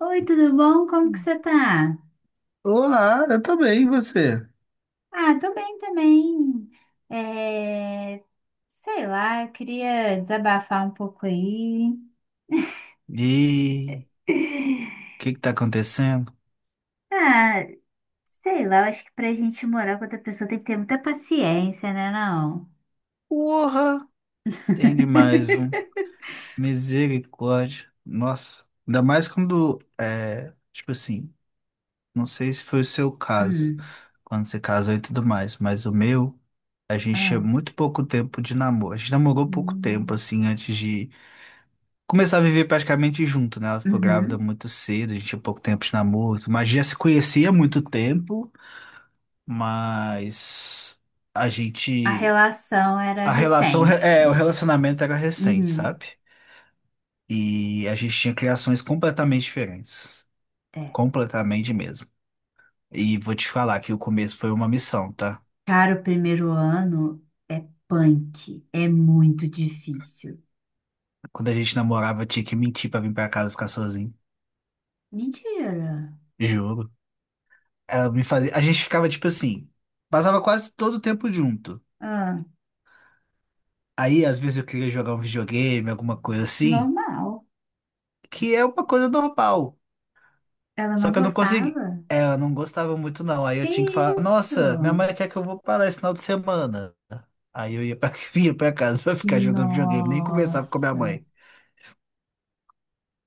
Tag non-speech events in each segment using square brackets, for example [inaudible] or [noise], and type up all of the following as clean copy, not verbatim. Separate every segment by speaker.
Speaker 1: Oi, tudo bom? Como que você tá?
Speaker 2: Olá, eu tô bem, e você?
Speaker 1: Ah, tô bem também. É, sei lá, eu queria desabafar um pouco aí.
Speaker 2: E o
Speaker 1: [laughs]
Speaker 2: que tá acontecendo?
Speaker 1: Ah, sei lá, eu acho que pra gente morar com outra pessoa tem que ter muita paciência, né, não?
Speaker 2: Porra, tem demais, viu?
Speaker 1: [laughs]
Speaker 2: Misericórdia. Nossa, ainda mais quando é, tipo assim, não sei se foi o seu caso,
Speaker 1: Hum.
Speaker 2: quando você casou e tudo mais, mas o meu, a gente tinha
Speaker 1: Ah.
Speaker 2: muito pouco tempo de namoro. A gente namorou pouco tempo
Speaker 1: Hum.
Speaker 2: assim antes de começar a viver praticamente junto, né? Ela ficou grávida
Speaker 1: Uhum.
Speaker 2: muito cedo, a gente tinha pouco tempo de namoro, mas já se conhecia há muito tempo. Mas a
Speaker 1: A
Speaker 2: gente.
Speaker 1: relação era
Speaker 2: A relação. É, o
Speaker 1: recente.
Speaker 2: relacionamento era recente,
Speaker 1: Uhum.
Speaker 2: sabe? E a gente tinha criações completamente diferentes.
Speaker 1: É.
Speaker 2: Completamente mesmo. E vou te falar que o começo foi uma missão, tá?
Speaker 1: Cara, o primeiro ano é punk, é muito difícil.
Speaker 2: Quando a gente namorava, eu tinha que mentir pra vir pra casa ficar sozinho.
Speaker 1: Mentira.
Speaker 2: Juro. Ela me fazia. A gente ficava tipo assim. Passava quase todo o tempo junto.
Speaker 1: Ah,
Speaker 2: Aí, às vezes, eu queria jogar um videogame, alguma coisa assim,
Speaker 1: normal.
Speaker 2: que é uma coisa normal.
Speaker 1: Ela
Speaker 2: Só
Speaker 1: não
Speaker 2: que eu não consegui.
Speaker 1: gostava?
Speaker 2: Ela não gostava muito, não. Aí eu
Speaker 1: Que
Speaker 2: tinha que falar, nossa, minha
Speaker 1: isso?
Speaker 2: mãe quer que eu vou parar esse final de semana. Aí eu ia pra, [laughs] ia pra casa pra ficar jogando videogame, nem conversava com a minha
Speaker 1: Nossa.
Speaker 2: mãe.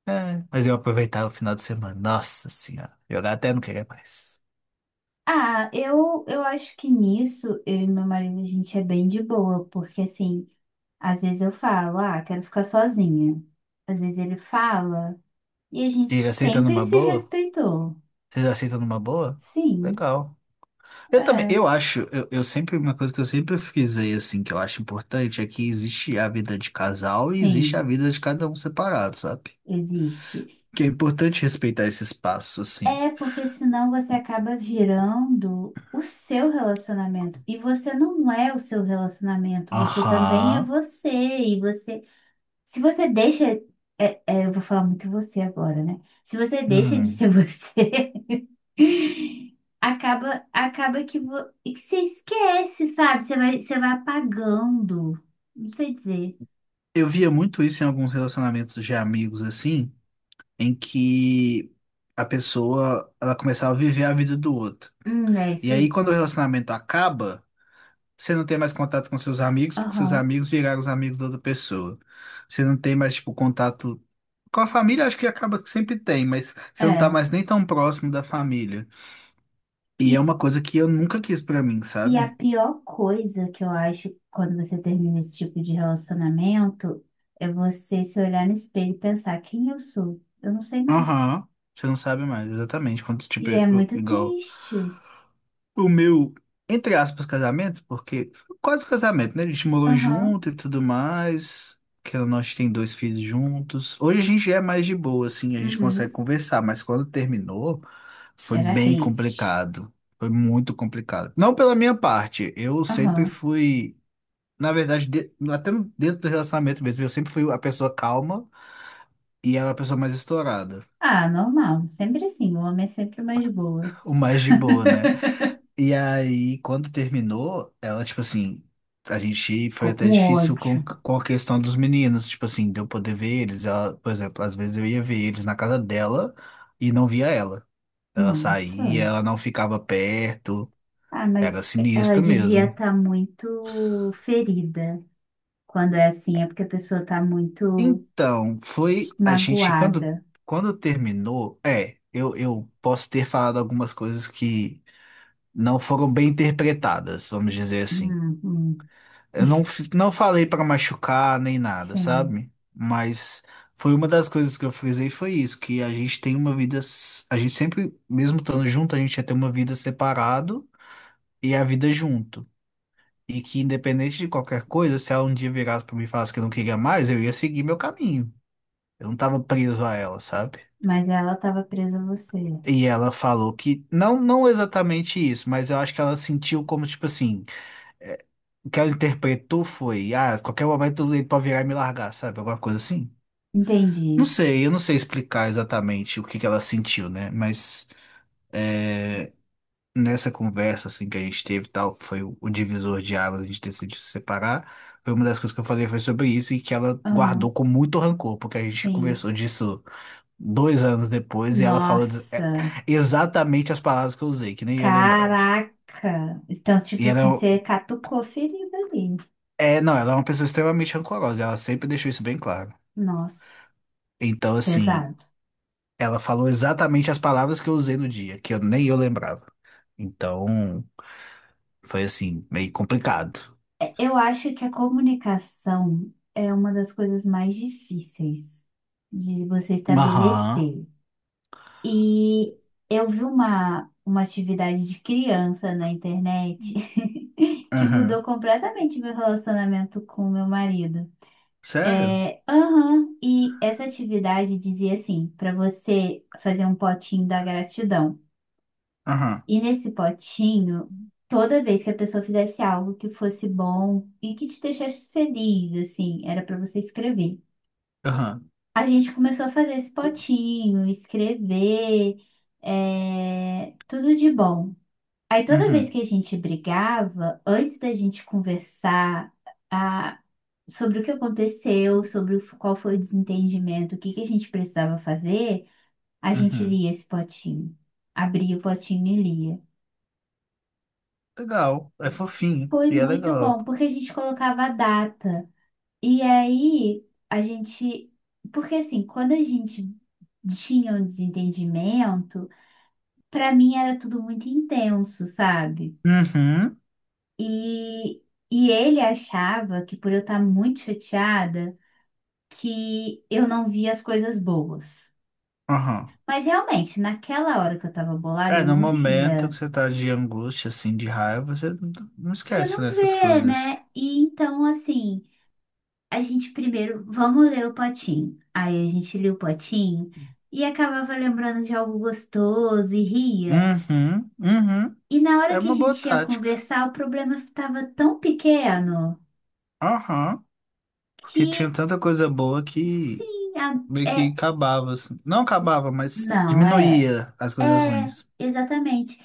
Speaker 2: É, mas eu aproveitava o final de semana. Nossa senhora. Jogar até não querer mais.
Speaker 1: Ah, eu acho que nisso eu e meu marido a gente é bem de boa, porque assim, às vezes eu falo, ah, quero ficar sozinha. Às vezes ele fala, e a gente
Speaker 2: E ele aceita
Speaker 1: sempre
Speaker 2: numa
Speaker 1: se
Speaker 2: boa?
Speaker 1: respeitou.
Speaker 2: Vocês aceitam numa boa?
Speaker 1: Sim,
Speaker 2: Legal. Eu também,
Speaker 1: é,
Speaker 2: eu acho, eu sempre, uma coisa que eu sempre frisei, assim, que eu acho importante é que existe a vida de casal e existe a
Speaker 1: sim,
Speaker 2: vida de cada um separado, sabe?
Speaker 1: existe.
Speaker 2: Que é importante respeitar esse espaço, assim.
Speaker 1: É porque senão você acaba virando o seu relacionamento. E você não é o seu relacionamento, você também é
Speaker 2: Aham.
Speaker 1: você. E você, se você deixa, eu vou falar muito você agora, né? Se você deixa de
Speaker 2: Uhum.
Speaker 1: ser [laughs] você, acaba que, que você esquece, sabe? Você vai apagando. Não sei dizer.
Speaker 2: Eu via muito isso em alguns relacionamentos de amigos, assim, em que a pessoa, ela começava a viver a vida do outro.
Speaker 1: É
Speaker 2: E
Speaker 1: isso
Speaker 2: aí,
Speaker 1: aí.
Speaker 2: quando o relacionamento acaba, você não tem mais contato com seus amigos, porque seus
Speaker 1: Aham.
Speaker 2: amigos viraram os amigos da outra pessoa. Você não tem mais, tipo, contato com a família, acho que acaba que sempre tem, mas você não tá
Speaker 1: É.
Speaker 2: mais nem tão próximo da família. E é uma coisa que eu nunca quis pra mim,
Speaker 1: E a
Speaker 2: sabe?
Speaker 1: pior coisa que eu acho quando você termina esse tipo de relacionamento é você se olhar no espelho e pensar quem eu sou. Eu não sei mais.
Speaker 2: Aham. Você não sabe mais, exatamente. Quando, tipo,
Speaker 1: E é muito
Speaker 2: igual.
Speaker 1: triste.
Speaker 2: O meu, entre aspas, casamento, porque foi quase casamento, né? A gente morou
Speaker 1: Aham,
Speaker 2: junto e tudo mais. Que nós tem dois filhos juntos. Hoje a gente já é mais de boa, assim, a gente consegue
Speaker 1: uhum.
Speaker 2: conversar, mas quando terminou, foi
Speaker 1: Era
Speaker 2: bem
Speaker 1: hate.
Speaker 2: complicado. Foi muito complicado. Não pela minha parte, eu sempre
Speaker 1: Aham.
Speaker 2: fui, na verdade, de- até no- dentro do relacionamento mesmo, eu sempre fui a pessoa calma e ela é a pessoa mais estourada,
Speaker 1: Ah, normal. Sempre assim. O homem é sempre o mais boa.
Speaker 2: o mais de boa, né?
Speaker 1: [laughs]
Speaker 2: E aí, quando terminou, ela, tipo assim, a gente foi
Speaker 1: Ficou
Speaker 2: até
Speaker 1: com
Speaker 2: difícil com,
Speaker 1: ódio.
Speaker 2: com a questão dos meninos, tipo assim, de eu poder ver eles. Ela, por exemplo, às vezes eu ia ver eles na casa dela e não via ela. Ela
Speaker 1: Nossa.
Speaker 2: saía, ela não ficava perto,
Speaker 1: Ah,
Speaker 2: era
Speaker 1: mas ela
Speaker 2: sinistro
Speaker 1: devia
Speaker 2: mesmo.
Speaker 1: estar muito ferida. Quando é assim, é porque a pessoa está muito
Speaker 2: Então, foi a gente,
Speaker 1: magoada.
Speaker 2: quando, quando terminou, eu posso ter falado algumas coisas que não foram bem interpretadas, vamos dizer assim.
Speaker 1: Hum hum,
Speaker 2: Eu não, fi- Não falei pra machucar nem nada,
Speaker 1: sim.
Speaker 2: sabe? Mas foi uma das coisas que eu frisei foi isso, que a gente tem uma vida, a gente sempre, mesmo estando junto, a gente ia ter uma vida separado e a vida junto. E que independente de qualquer coisa, se ela um dia virasse pra mim e falasse que não queria mais, eu ia seguir meu caminho. Eu não tava preso a ela, sabe?
Speaker 1: Mas ela estava presa a você.
Speaker 2: E ela falou que, não, não exatamente isso, mas eu acho que ela sentiu como, tipo assim, é, o que ela interpretou foi, ah, qualquer momento ele pode virar e me largar, sabe? Alguma coisa assim. Não
Speaker 1: Entendi.
Speaker 2: sei, eu não sei explicar exatamente o que que ela sentiu, né? Mas nessa conversa assim que a gente teve e tal, foi o divisor de águas, a gente decidiu se separar. Foi uma das coisas que eu falei foi sobre isso e que ela
Speaker 1: Aham,
Speaker 2: guardou com muito rancor, porque a gente
Speaker 1: sim.
Speaker 2: conversou disso 2 anos depois e ela falou
Speaker 1: Nossa,
Speaker 2: exatamente as palavras que eu usei, que nem eu lembrava.
Speaker 1: caraca. Então, tipo
Speaker 2: E ela é,
Speaker 1: assim, você
Speaker 2: um-
Speaker 1: catucou ferida ali.
Speaker 2: é, não, Ela é uma pessoa extremamente rancorosa, ela sempre deixou isso bem claro.
Speaker 1: Nossa,
Speaker 2: Então, assim,
Speaker 1: pesado.
Speaker 2: ela falou exatamente as palavras que eu usei no dia, que eu nem eu lembrava. Então. Foi assim, meio complicado.
Speaker 1: É, eu acho que a comunicação é uma das coisas mais difíceis de você
Speaker 2: Aham.
Speaker 1: estabelecer. E eu vi uma atividade de criança na internet que
Speaker 2: Aham.
Speaker 1: mudou completamente meu relacionamento com meu marido.
Speaker 2: Sério?
Speaker 1: Aham, e essa atividade dizia assim, para você fazer um potinho da gratidão.
Speaker 2: Aham.
Speaker 1: E nesse potinho, toda vez que a pessoa fizesse algo que fosse bom e que te deixasse feliz, assim, era para você escrever.
Speaker 2: Aham.
Speaker 1: A gente começou a fazer esse potinho, escrever, é, tudo de bom. Aí toda vez
Speaker 2: Uhum.
Speaker 1: que a gente brigava, antes da gente conversar, a sobre o que aconteceu, sobre o qual foi o desentendimento, o que que a gente precisava fazer, a gente
Speaker 2: Uhum.
Speaker 1: lia esse potinho. Abria o potinho e lia.
Speaker 2: Legal. É fofinho.
Speaker 1: Foi
Speaker 2: E é
Speaker 1: muito
Speaker 2: legal.
Speaker 1: bom, porque a gente colocava a data. E aí a gente. Porque assim, quando a gente tinha um desentendimento, para mim era tudo muito intenso, sabe?
Speaker 2: Uhum.
Speaker 1: E, e ele achava que por eu estar muito chateada, que eu não via as coisas boas.
Speaker 2: Aham.
Speaker 1: Mas realmente, naquela hora que eu tava bolada,
Speaker 2: É,
Speaker 1: eu
Speaker 2: no
Speaker 1: não
Speaker 2: momento que
Speaker 1: via.
Speaker 2: você tá de angústia, assim, de raiva, você não
Speaker 1: Você
Speaker 2: esquece
Speaker 1: não
Speaker 2: nessas
Speaker 1: vê,
Speaker 2: coisas.
Speaker 1: né? E então, assim, a gente primeiro, vamos ler o potinho. Aí a gente lia o potinho e acabava lembrando de algo gostoso e ria.
Speaker 2: Uhum. Uhum.
Speaker 1: E na hora
Speaker 2: É
Speaker 1: que a
Speaker 2: uma boa
Speaker 1: gente ia
Speaker 2: tática.
Speaker 1: conversar, o problema estava tão pequeno
Speaker 2: Aham. Porque tinha
Speaker 1: que,
Speaker 2: tanta coisa boa que
Speaker 1: sim,
Speaker 2: meio que
Speaker 1: é.
Speaker 2: acabava, assim. Não acabava, mas
Speaker 1: Não, é.
Speaker 2: diminuía as coisas
Speaker 1: É,
Speaker 2: ruins.
Speaker 1: exatamente.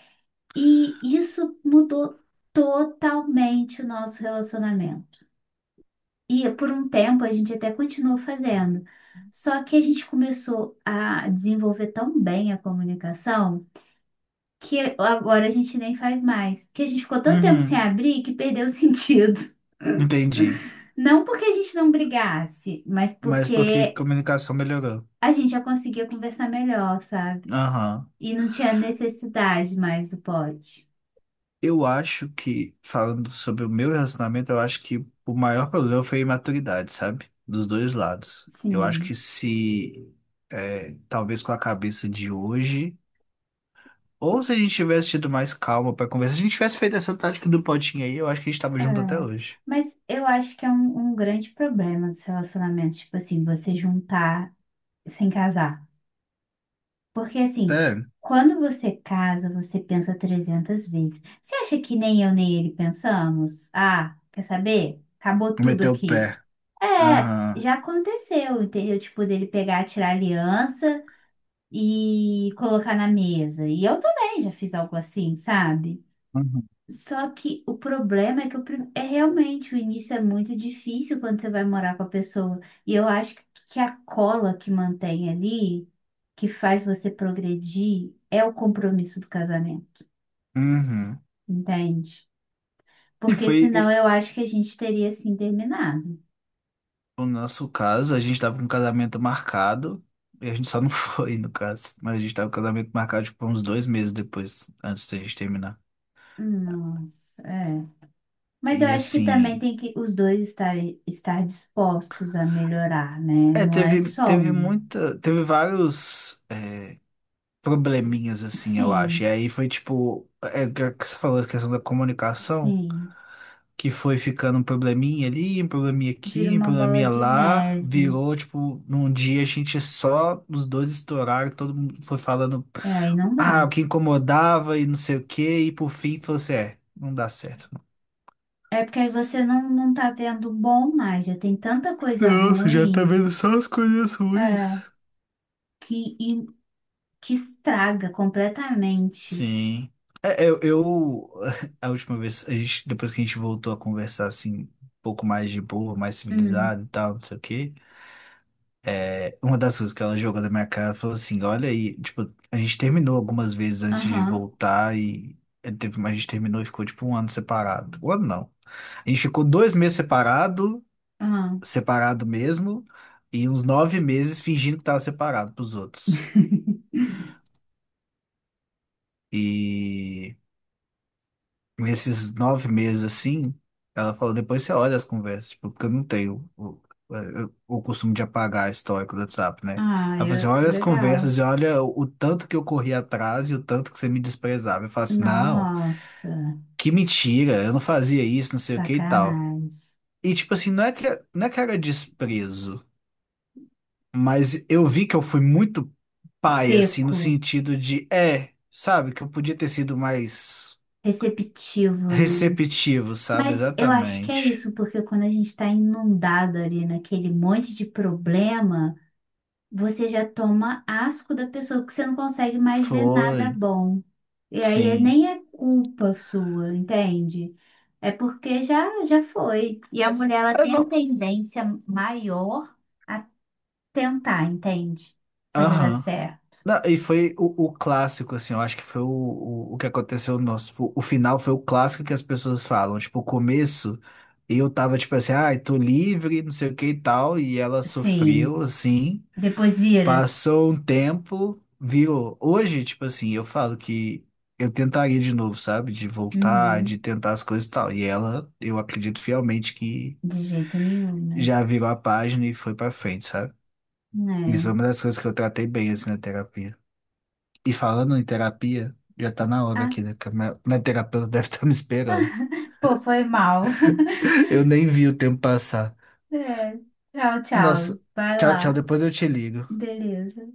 Speaker 1: E isso mudou totalmente o nosso relacionamento. E por um tempo a gente até continuou fazendo. Só que a gente começou a desenvolver tão bem a comunicação que agora a gente nem faz mais. Porque a gente ficou tanto tempo sem
Speaker 2: Uhum,
Speaker 1: abrir que perdeu o [laughs] sentido.
Speaker 2: entendi.
Speaker 1: Não porque a gente não brigasse, mas
Speaker 2: Mas porque
Speaker 1: porque
Speaker 2: comunicação melhorou.
Speaker 1: a gente já conseguia conversar melhor, sabe?
Speaker 2: Aham.
Speaker 1: E não tinha necessidade mais do pote.
Speaker 2: Eu acho que, falando sobre o meu relacionamento, eu acho que o maior problema foi a imaturidade, sabe? Dos dois lados. Eu acho que
Speaker 1: Sim.
Speaker 2: se, é, talvez com a cabeça de hoje, ou se a gente tivesse tido mais calma pra conversar, se a gente tivesse feito essa tática do potinho aí, eu acho que a gente tava
Speaker 1: É.
Speaker 2: junto até hoje.
Speaker 1: Mas eu acho que é um grande problema dos relacionamentos, tipo assim, você juntar sem casar. Porque assim,
Speaker 2: Sério,
Speaker 1: quando você casa, você pensa 300 vezes. Você acha que nem eu nem ele pensamos? Ah, quer saber? Acabou tudo
Speaker 2: meteu o
Speaker 1: aqui.
Speaker 2: pé.
Speaker 1: É,
Speaker 2: Aham.
Speaker 1: já aconteceu, entendeu? Tipo, dele pegar, tirar a aliança e colocar na mesa. E eu também já fiz algo assim, sabe?
Speaker 2: Uhum.
Speaker 1: Só que o problema é que é realmente o início é muito difícil quando você vai morar com a pessoa. E eu acho que a cola que mantém ali, que faz você progredir, é o compromisso do casamento,
Speaker 2: Uhum.
Speaker 1: entende?
Speaker 2: E
Speaker 1: Porque
Speaker 2: foi,
Speaker 1: senão eu acho que a gente teria assim terminado.
Speaker 2: no nosso caso, a gente tava com um casamento marcado, e a gente só não [laughs] foi, no caso. Mas a gente tava com um casamento marcado, tipo, uns 2 meses depois, antes da gente terminar.
Speaker 1: Nossa, é. Mas eu
Speaker 2: E
Speaker 1: acho que também
Speaker 2: assim,
Speaker 1: tem que os dois estar dispostos a melhorar, né? Não é só
Speaker 2: teve
Speaker 1: um.
Speaker 2: muita, teve vários probleminhas, assim, eu acho. E
Speaker 1: Sim,
Speaker 2: aí foi, tipo, que você falou a questão da comunicação.
Speaker 1: sim.
Speaker 2: Que foi ficando um probleminha ali, um probleminha
Speaker 1: Vira
Speaker 2: aqui, um
Speaker 1: uma bola
Speaker 2: probleminha
Speaker 1: de
Speaker 2: lá,
Speaker 1: neve.
Speaker 2: virou, tipo, num dia a gente só, os dois estouraram, todo mundo foi falando,
Speaker 1: É, aí não
Speaker 2: ah,
Speaker 1: dá.
Speaker 2: o que incomodava e não sei o quê, e por fim falou assim, não dá certo.
Speaker 1: É porque aí você não tá vendo bom mais, já tem tanta coisa
Speaker 2: Nossa, já tá
Speaker 1: ruim,
Speaker 2: vendo só as coisas
Speaker 1: é,
Speaker 2: ruins.
Speaker 1: que, e- que estraga completamente.
Speaker 2: Sim. É, eu, eu- [laughs] a última vez, a gente, depois que a gente voltou a conversar, assim, um pouco mais de boa, mais
Speaker 1: Hum,
Speaker 2: civilizado e tal, não sei o quê, uma das coisas que ela jogou na minha cara, falou assim, olha aí, tipo, a gente terminou algumas vezes antes de
Speaker 1: aham,
Speaker 2: voltar e ele teve, mas a gente terminou e ficou tipo um ano separado. Um ano não. A gente ficou 2 meses separado,
Speaker 1: aham.
Speaker 2: separado mesmo, e uns 9 meses fingindo que tava separado pros outros.
Speaker 1: [laughs]
Speaker 2: E nesses 9 meses assim, ela falou, depois você olha as conversas, tipo, porque eu não tenho o, o costume de apagar histórico do WhatsApp, né? Ela
Speaker 1: Ah,
Speaker 2: falou assim,
Speaker 1: eu,
Speaker 2: olha as conversas
Speaker 1: legal.
Speaker 2: e olha o tanto que eu corri atrás e o tanto que você me desprezava. Eu falo assim, não,
Speaker 1: Nossa,
Speaker 2: que mentira, eu não fazia isso, não sei o que e tal.
Speaker 1: sacanagem.
Speaker 2: E tipo assim, não é que era desprezo, mas eu vi que eu fui muito pai, assim, no
Speaker 1: Seco,
Speaker 2: sentido de, é, sabe, que eu podia ter sido mais
Speaker 1: receptivo, né?
Speaker 2: receptivo, sabe?
Speaker 1: Mas eu acho que é
Speaker 2: Exatamente.
Speaker 1: isso, porque quando a gente está inundado ali naquele monte de problema, você já toma asco da pessoa, porque você não consegue mais ver nada
Speaker 2: Foi,
Speaker 1: bom. E aí
Speaker 2: sim.
Speaker 1: nem é culpa sua, entende? É porque já foi. E a mulher, ela
Speaker 2: É,
Speaker 1: tem a
Speaker 2: não,
Speaker 1: tendência maior a tentar, entende? Fazer dar
Speaker 2: aham.
Speaker 1: certo.
Speaker 2: Não, e foi o clássico, assim, eu acho que foi o, o que aconteceu no nosso. O final foi o clássico que as pessoas falam. Tipo, o começo, eu tava tipo assim, ai, tô livre, não sei o que e tal, e ela sofreu,
Speaker 1: Sim.
Speaker 2: assim.
Speaker 1: Depois vira.
Speaker 2: Passou um tempo, virou. Hoje, tipo assim, eu falo que eu tentaria de novo, sabe? De voltar, de
Speaker 1: Uhum.
Speaker 2: tentar as coisas e tal. E ela, eu acredito fielmente que
Speaker 1: De jeito nenhum, né?
Speaker 2: já virou a página e foi pra frente, sabe? Isso é uma das coisas que eu tratei bem assim na terapia. E falando em terapia, já tá na
Speaker 1: É.
Speaker 2: hora
Speaker 1: Ah,
Speaker 2: aqui, né? Que a minha, minha terapeuta deve [laughs] estar me esperando.
Speaker 1: pô, foi mal. [laughs]
Speaker 2: Eu nem vi o tempo passar.
Speaker 1: É. Tchau, tchau.
Speaker 2: Nossa,
Speaker 1: Vai
Speaker 2: tchau, tchau.
Speaker 1: lá.
Speaker 2: Depois eu te ligo.
Speaker 1: Beleza.